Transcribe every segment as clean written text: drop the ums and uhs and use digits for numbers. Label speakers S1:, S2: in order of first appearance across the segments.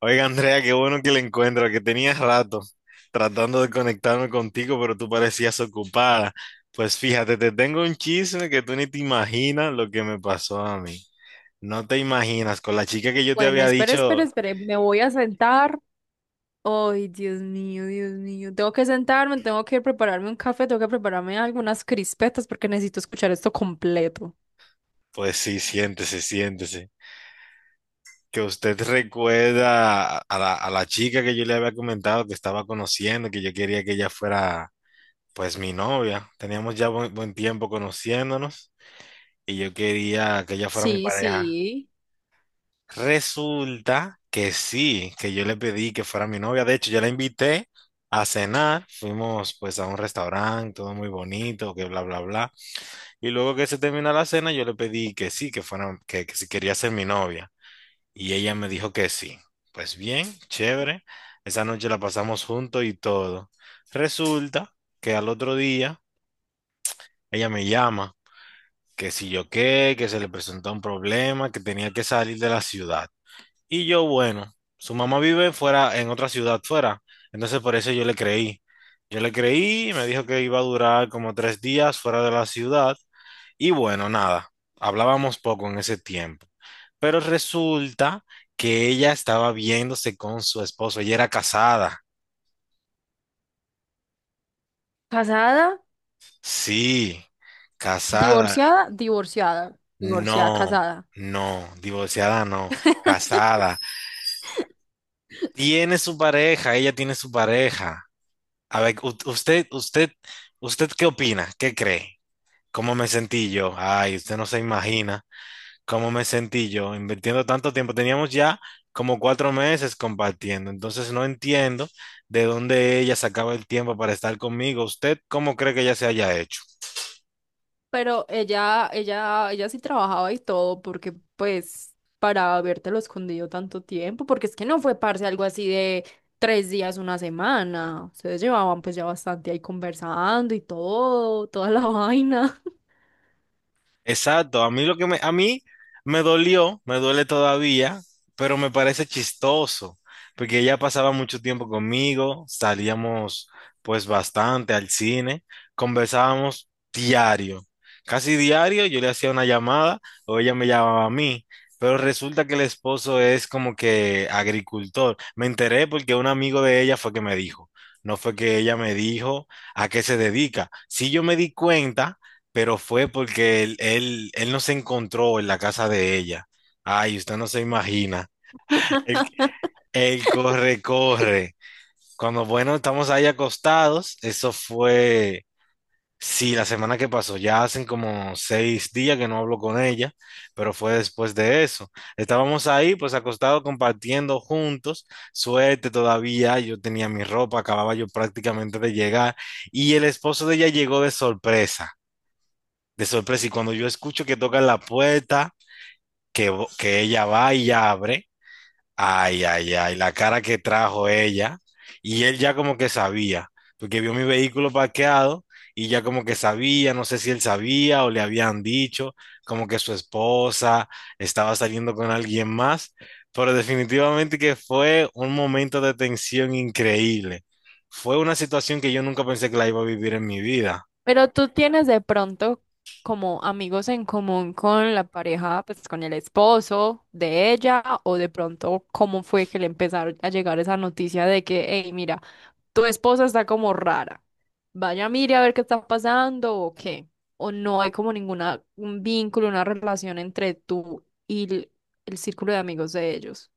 S1: Oiga, Andrea, qué bueno que le encuentro, que tenías rato tratando de conectarme contigo, pero tú parecías ocupada. Pues fíjate, te tengo un chisme que tú ni te imaginas lo que me pasó a mí. No te imaginas, con la chica que yo te
S2: Bueno,
S1: había
S2: espere,
S1: dicho,
S2: espere, espere. Me voy a sentar. Ay, Dios mío, Dios mío. Tengo que sentarme, tengo que prepararme un café, tengo que prepararme algunas crispetas porque necesito escuchar esto completo.
S1: pues sí, siéntese, siéntese. Que usted recuerda a la chica que yo le había comentado que estaba conociendo, que yo quería que ella fuera, pues, mi novia. Teníamos ya buen tiempo conociéndonos y yo quería que ella fuera mi
S2: Sí,
S1: pareja.
S2: sí.
S1: Resulta que sí, que yo le pedí que fuera mi novia. De hecho, yo la invité a cenar. Fuimos pues a un restaurante, todo muy bonito, que bla, bla, bla. Y luego que se termina la cena, yo le pedí que sí, que fuera, que si quería ser mi novia. Y ella me dijo que sí. Pues bien, chévere. Esa noche la pasamos juntos y todo. Resulta que al otro día ella me llama, que si yo qué, que se le presentó un problema, que tenía que salir de la ciudad. Y yo, bueno, su mamá vive fuera, en otra ciudad fuera. Entonces por eso yo le creí. Yo le creí, me dijo que iba a durar como 3 días fuera de la ciudad. Y bueno, nada, hablábamos poco en ese tiempo. Pero resulta que ella estaba viéndose con su esposo. Ella era casada.
S2: Casada,
S1: Sí, casada.
S2: divorciada, divorciada, divorciada,
S1: No,
S2: casada.
S1: no, divorciada no, casada. Tiene su pareja, ella tiene su pareja. A ver, usted, ¿qué opina? ¿Qué cree? ¿Cómo me sentí yo? Ay, usted no se imagina cómo me sentí yo invirtiendo tanto tiempo. Teníamos ya como 4 meses compartiendo, entonces no entiendo de dónde ella sacaba el tiempo para estar conmigo. ¿Usted cómo cree que ella se haya hecho?
S2: Pero ella sí trabajaba y todo, porque pues para habértelo escondido tanto tiempo, porque es que no fue parce algo así de tres días, una semana. Ustedes llevaban pues ya bastante ahí conversando y todo, toda la vaina.
S1: Exacto, a mí me dolió, me duele todavía, pero me parece chistoso, porque ella pasaba mucho tiempo conmigo, salíamos pues bastante al cine, conversábamos diario, casi diario, yo le hacía una llamada o ella me llamaba a mí, pero resulta que el esposo es como que agricultor. Me enteré porque un amigo de ella fue que me dijo, no fue que ella me dijo a qué se dedica. Si yo me di cuenta pero fue porque él no se encontró en la casa de ella. Ay, usted no se imagina. Él, él corre, corre. Cuando, bueno, estamos ahí acostados, eso fue, sí, la semana que pasó, ya hacen como 6 días que no hablo con ella, pero fue después de eso. Estábamos ahí, pues acostados, compartiendo juntos, suerte todavía, yo tenía mi ropa, acababa yo prácticamente de llegar, y el esposo de ella llegó de sorpresa. Y cuando yo escucho que tocan la puerta, que ella va y abre, ay, ay, ay, la cara que trajo ella. Y él ya como que sabía, porque vio mi vehículo parqueado y ya como que sabía, no sé si él sabía o le habían dicho, como que su esposa estaba saliendo con alguien más, pero definitivamente que fue un momento de tensión increíble. Fue una situación que yo nunca pensé que la iba a vivir en mi vida.
S2: Pero tú tienes de pronto como amigos en común con la pareja, pues con el esposo de ella, o de pronto cómo fue que le empezaron a llegar esa noticia de que, hey, mira, tu esposa está como rara. Vaya, mire a ver qué está pasando o qué. O no hay como ninguna un vínculo, una relación entre tú y el círculo de amigos de ellos.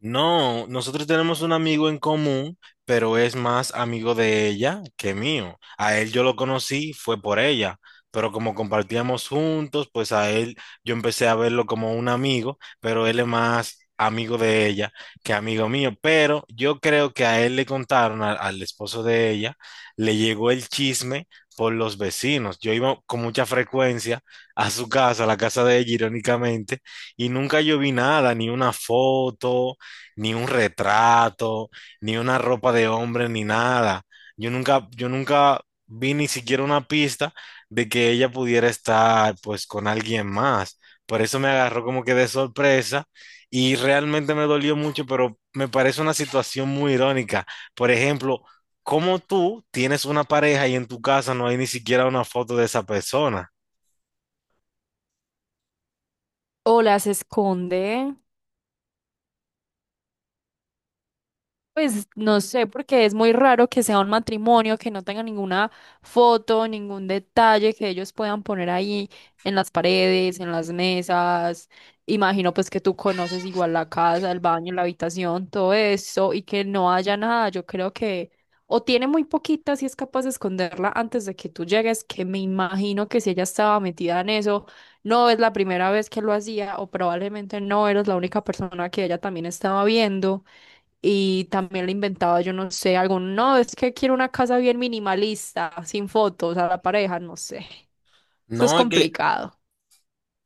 S1: No, nosotros tenemos un amigo en común, pero es más amigo de ella que mío. A él yo lo conocí, fue por ella, pero como compartíamos juntos, pues a él yo empecé a verlo como un amigo, pero él es más amigo de ella que amigo mío. Pero yo creo que a él le contaron, al esposo de ella, le llegó el chisme por los vecinos. Yo iba con mucha frecuencia a su casa, a la casa de ella, irónicamente, y nunca yo vi nada, ni una foto ni un retrato, ni una ropa de hombre, ni nada. Yo nunca vi ni siquiera una pista de que ella pudiera estar pues con alguien más. Por eso me agarró como que de sorpresa y realmente me dolió mucho, pero me parece una situación muy irónica. Por ejemplo, ¿cómo tú tienes una pareja y en tu casa no hay ni siquiera una foto de esa persona?
S2: O las esconde. Pues no sé, porque es muy raro que sea un matrimonio, que no tenga ninguna foto, ningún detalle que ellos puedan poner ahí en las paredes, en las mesas. Imagino pues que tú conoces igual la casa, el baño, la habitación, todo eso, y que no haya nada. Yo creo que o tiene muy poquita si es capaz de esconderla antes de que tú llegues, que me imagino que si ella estaba metida en eso, no es la primera vez que lo hacía o probablemente no eres la única persona que ella también estaba viendo. Y también le inventaba, yo no sé, algo no, es que quiero una casa bien minimalista, sin fotos a la pareja, no sé. Eso es
S1: No, es que.
S2: complicado.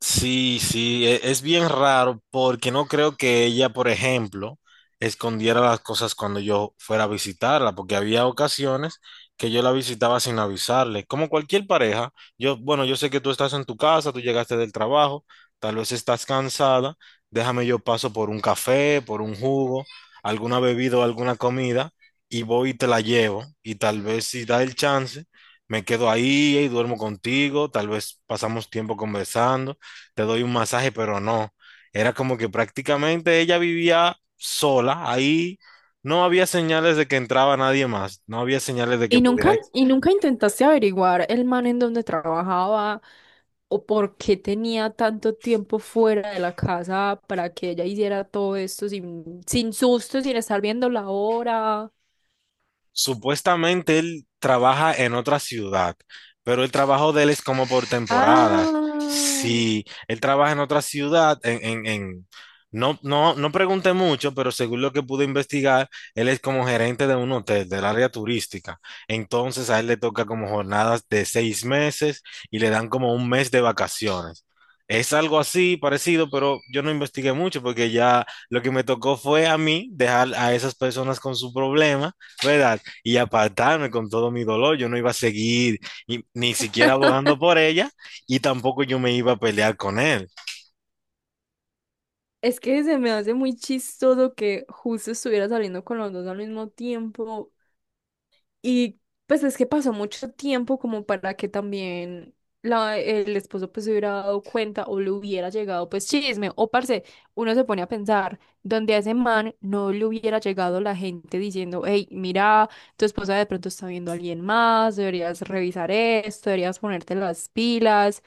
S1: Sí, sí, es bien raro porque no creo que ella, por ejemplo, escondiera las cosas cuando yo fuera a visitarla, porque había ocasiones que yo la visitaba sin avisarle. Como cualquier pareja, yo, bueno, yo sé que tú estás en tu casa, tú llegaste del trabajo, tal vez estás cansada, déjame yo paso por un café, por un jugo, alguna bebida o alguna comida y voy y te la llevo y tal vez si da el chance. Me quedo ahí y duermo contigo, tal vez pasamos tiempo conversando, te doy un masaje, pero no. Era como que prácticamente ella vivía sola, ahí no había señales de que entraba nadie más, no había señales de que pudiera.
S2: Y nunca intentaste averiguar el man en donde trabajaba o por qué tenía tanto tiempo fuera de la casa para que ella hiciera todo esto sin, sin susto, sin estar viendo la hora?
S1: Supuestamente él trabaja en otra ciudad, pero el trabajo de él es como por temporadas.
S2: Ah,
S1: Si él trabaja en otra ciudad, no, no, no pregunté mucho, pero según lo que pude investigar, él es como gerente de un hotel del área turística. Entonces a él le toca como jornadas de 6 meses y le dan como un mes de vacaciones. Es algo así parecido, pero yo no investigué mucho porque ya lo que me tocó fue a mí dejar a esas personas con su problema, ¿verdad? Y apartarme con todo mi dolor. Yo no iba a seguir ni siquiera abogando por ella y tampoco yo me iba a pelear con él.
S2: es que se me hace muy chistoso que justo estuviera saliendo con los dos al mismo tiempo. Y pues es que pasó mucho tiempo como para que también el esposo pues se hubiera dado cuenta o le hubiera llegado pues chisme. O parce, uno se pone a pensar, donde a ese man no le hubiera llegado la gente diciendo, hey, mira, tu esposa de pronto está viendo a alguien más, deberías revisar esto, deberías ponerte las pilas.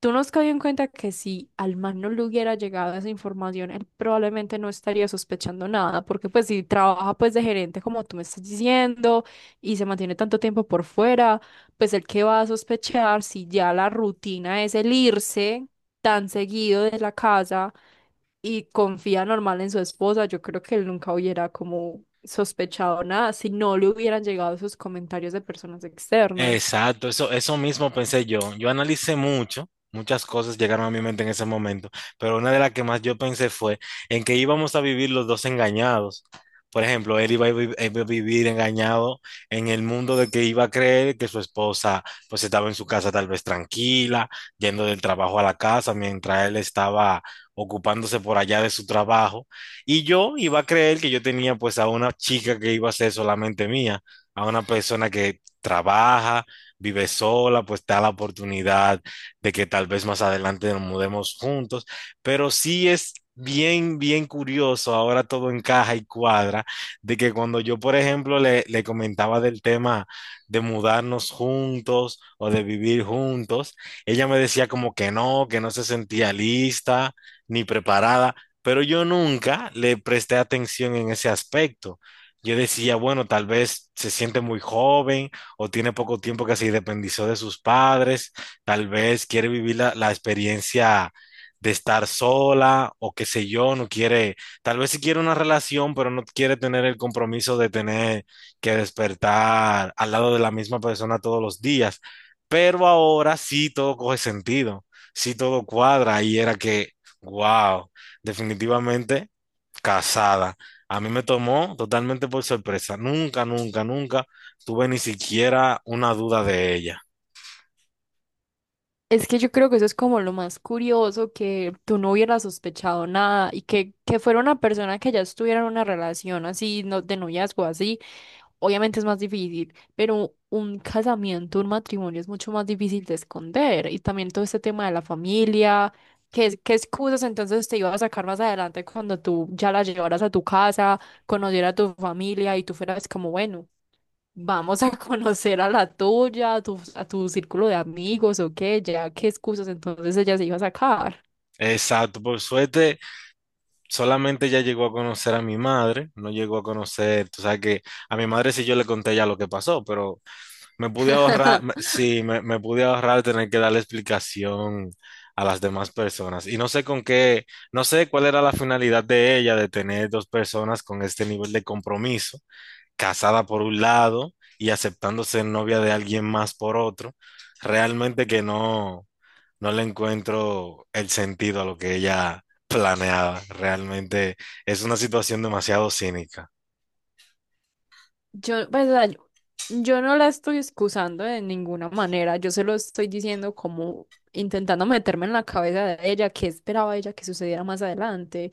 S2: ¿Tú no has caído en cuenta que si al man no le hubiera llegado esa información, él probablemente no estaría sospechando nada, porque pues si trabaja pues de gerente como tú me estás diciendo y se mantiene tanto tiempo por fuera, pues el que va a sospechar si ya la rutina es el irse tan seguido de la casa y confía normal en su esposa? Yo creo que él nunca hubiera como sospechado nada si no le hubieran llegado esos comentarios de personas externas.
S1: Exacto, eso mismo pensé yo. Yo analicé mucho, muchas cosas llegaron a mi mente en ese momento, pero una de las que más yo pensé fue en que íbamos a vivir los dos engañados. Por ejemplo, él iba a vivir engañado en el mundo de que iba a creer que su esposa pues estaba en su casa tal vez tranquila, yendo del trabajo a la casa, mientras él estaba ocupándose por allá de su trabajo. Y yo iba a creer que yo tenía pues a una chica que iba a ser solamente mía, a una persona que trabaja, vive sola, pues está la oportunidad de que tal vez más adelante nos mudemos juntos, pero sí es bien, bien curioso, ahora todo encaja y cuadra, de que cuando yo, por ejemplo, le comentaba del tema de mudarnos juntos o de vivir juntos, ella me decía como que no se sentía lista ni preparada, pero yo nunca le presté atención en ese aspecto. Yo decía, bueno, tal vez se siente muy joven, o tiene poco tiempo que se independizó de sus padres, tal vez quiere vivir la experiencia de estar sola o qué sé yo, no quiere, tal vez sí quiere una relación, pero no quiere tener el compromiso de tener que despertar al lado de la misma persona todos los días. Pero ahora sí todo coge sentido, sí todo cuadra y era que, wow, definitivamente casada. A mí me tomó totalmente por sorpresa. Nunca, nunca, nunca tuve ni siquiera una duda de ella.
S2: Es que yo creo que eso es como lo más curioso, que tú no hubieras sospechado nada y que fuera una persona que ya estuviera en una relación así, no, de noviazgo así, obviamente es más difícil, pero un casamiento, un matrimonio es mucho más difícil de esconder, y también todo este tema de la familia, qué excusas entonces te iba a sacar más adelante cuando tú ya la llevaras a tu casa, conocieras a tu familia y tú fueras como, bueno. Vamos a conocer a la tuya, a a tu círculo de amigos o qué, ya qué excusas entonces ella se iba a sacar.
S1: Exacto, por suerte, solamente ella llegó a conocer a mi madre, no llegó a conocer, tú sabes que a mi madre sí yo le conté ya lo que pasó, pero me pude ahorrar, sí, me pude ahorrar tener que dar la explicación a las demás personas. Y no sé con qué, no sé cuál era la finalidad de ella de tener dos personas con este nivel de compromiso, casada por un lado y aceptándose novia de alguien más por otro, realmente que no. No le encuentro el sentido a lo que ella planeaba. Realmente es una situación demasiado cínica.
S2: Yo, pues, o sea, Yo no la estoy excusando de ninguna manera, yo se lo estoy diciendo como intentando meterme en la cabeza de ella, qué esperaba ella que sucediera más adelante.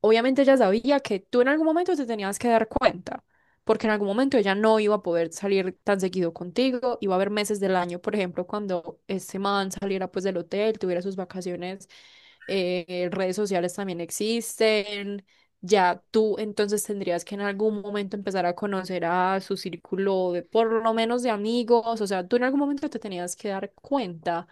S2: Obviamente ella sabía que tú en algún momento te tenías que dar cuenta, porque en algún momento ella no iba a poder salir tan seguido contigo, iba a haber meses del año, por ejemplo, cuando ese man saliera pues del hotel, tuviera sus vacaciones, redes sociales también existen, ya tú entonces tendrías que en algún momento empezar a conocer a su círculo de por lo menos de amigos, o sea, tú en algún momento te tenías que dar cuenta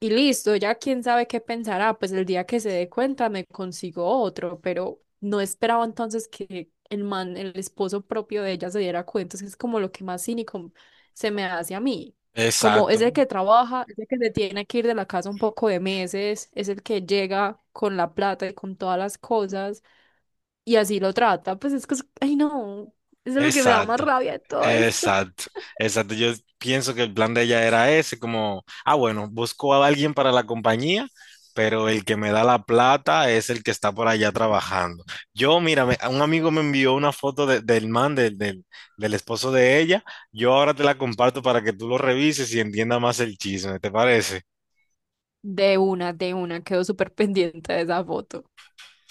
S2: y listo, ya quién sabe qué pensará, pues el día que se dé cuenta me consigo otro, pero no esperaba entonces que el man, el esposo propio de ella se diera cuenta, entonces es como lo que más cínico se me hace a mí, como
S1: Exacto,
S2: es el que trabaja, es el que se tiene que ir de la casa un poco de meses, es el que llega con la plata y con todas las cosas y así lo trata, pues es que, ay no, eso es lo que me da más
S1: exacto,
S2: rabia de todo esto.
S1: exacto, exacto. Yo pienso que el plan de ella era ese, como, ah, bueno, busco a alguien para la compañía, pero el que me da la plata es el que está por allá trabajando. Yo, mira, un amigo me envió una foto del man, del esposo de ella. Yo ahora te la comparto para que tú lo revises y entiendas más el chisme, ¿te parece?
S2: De una, quedo súper pendiente de esa foto.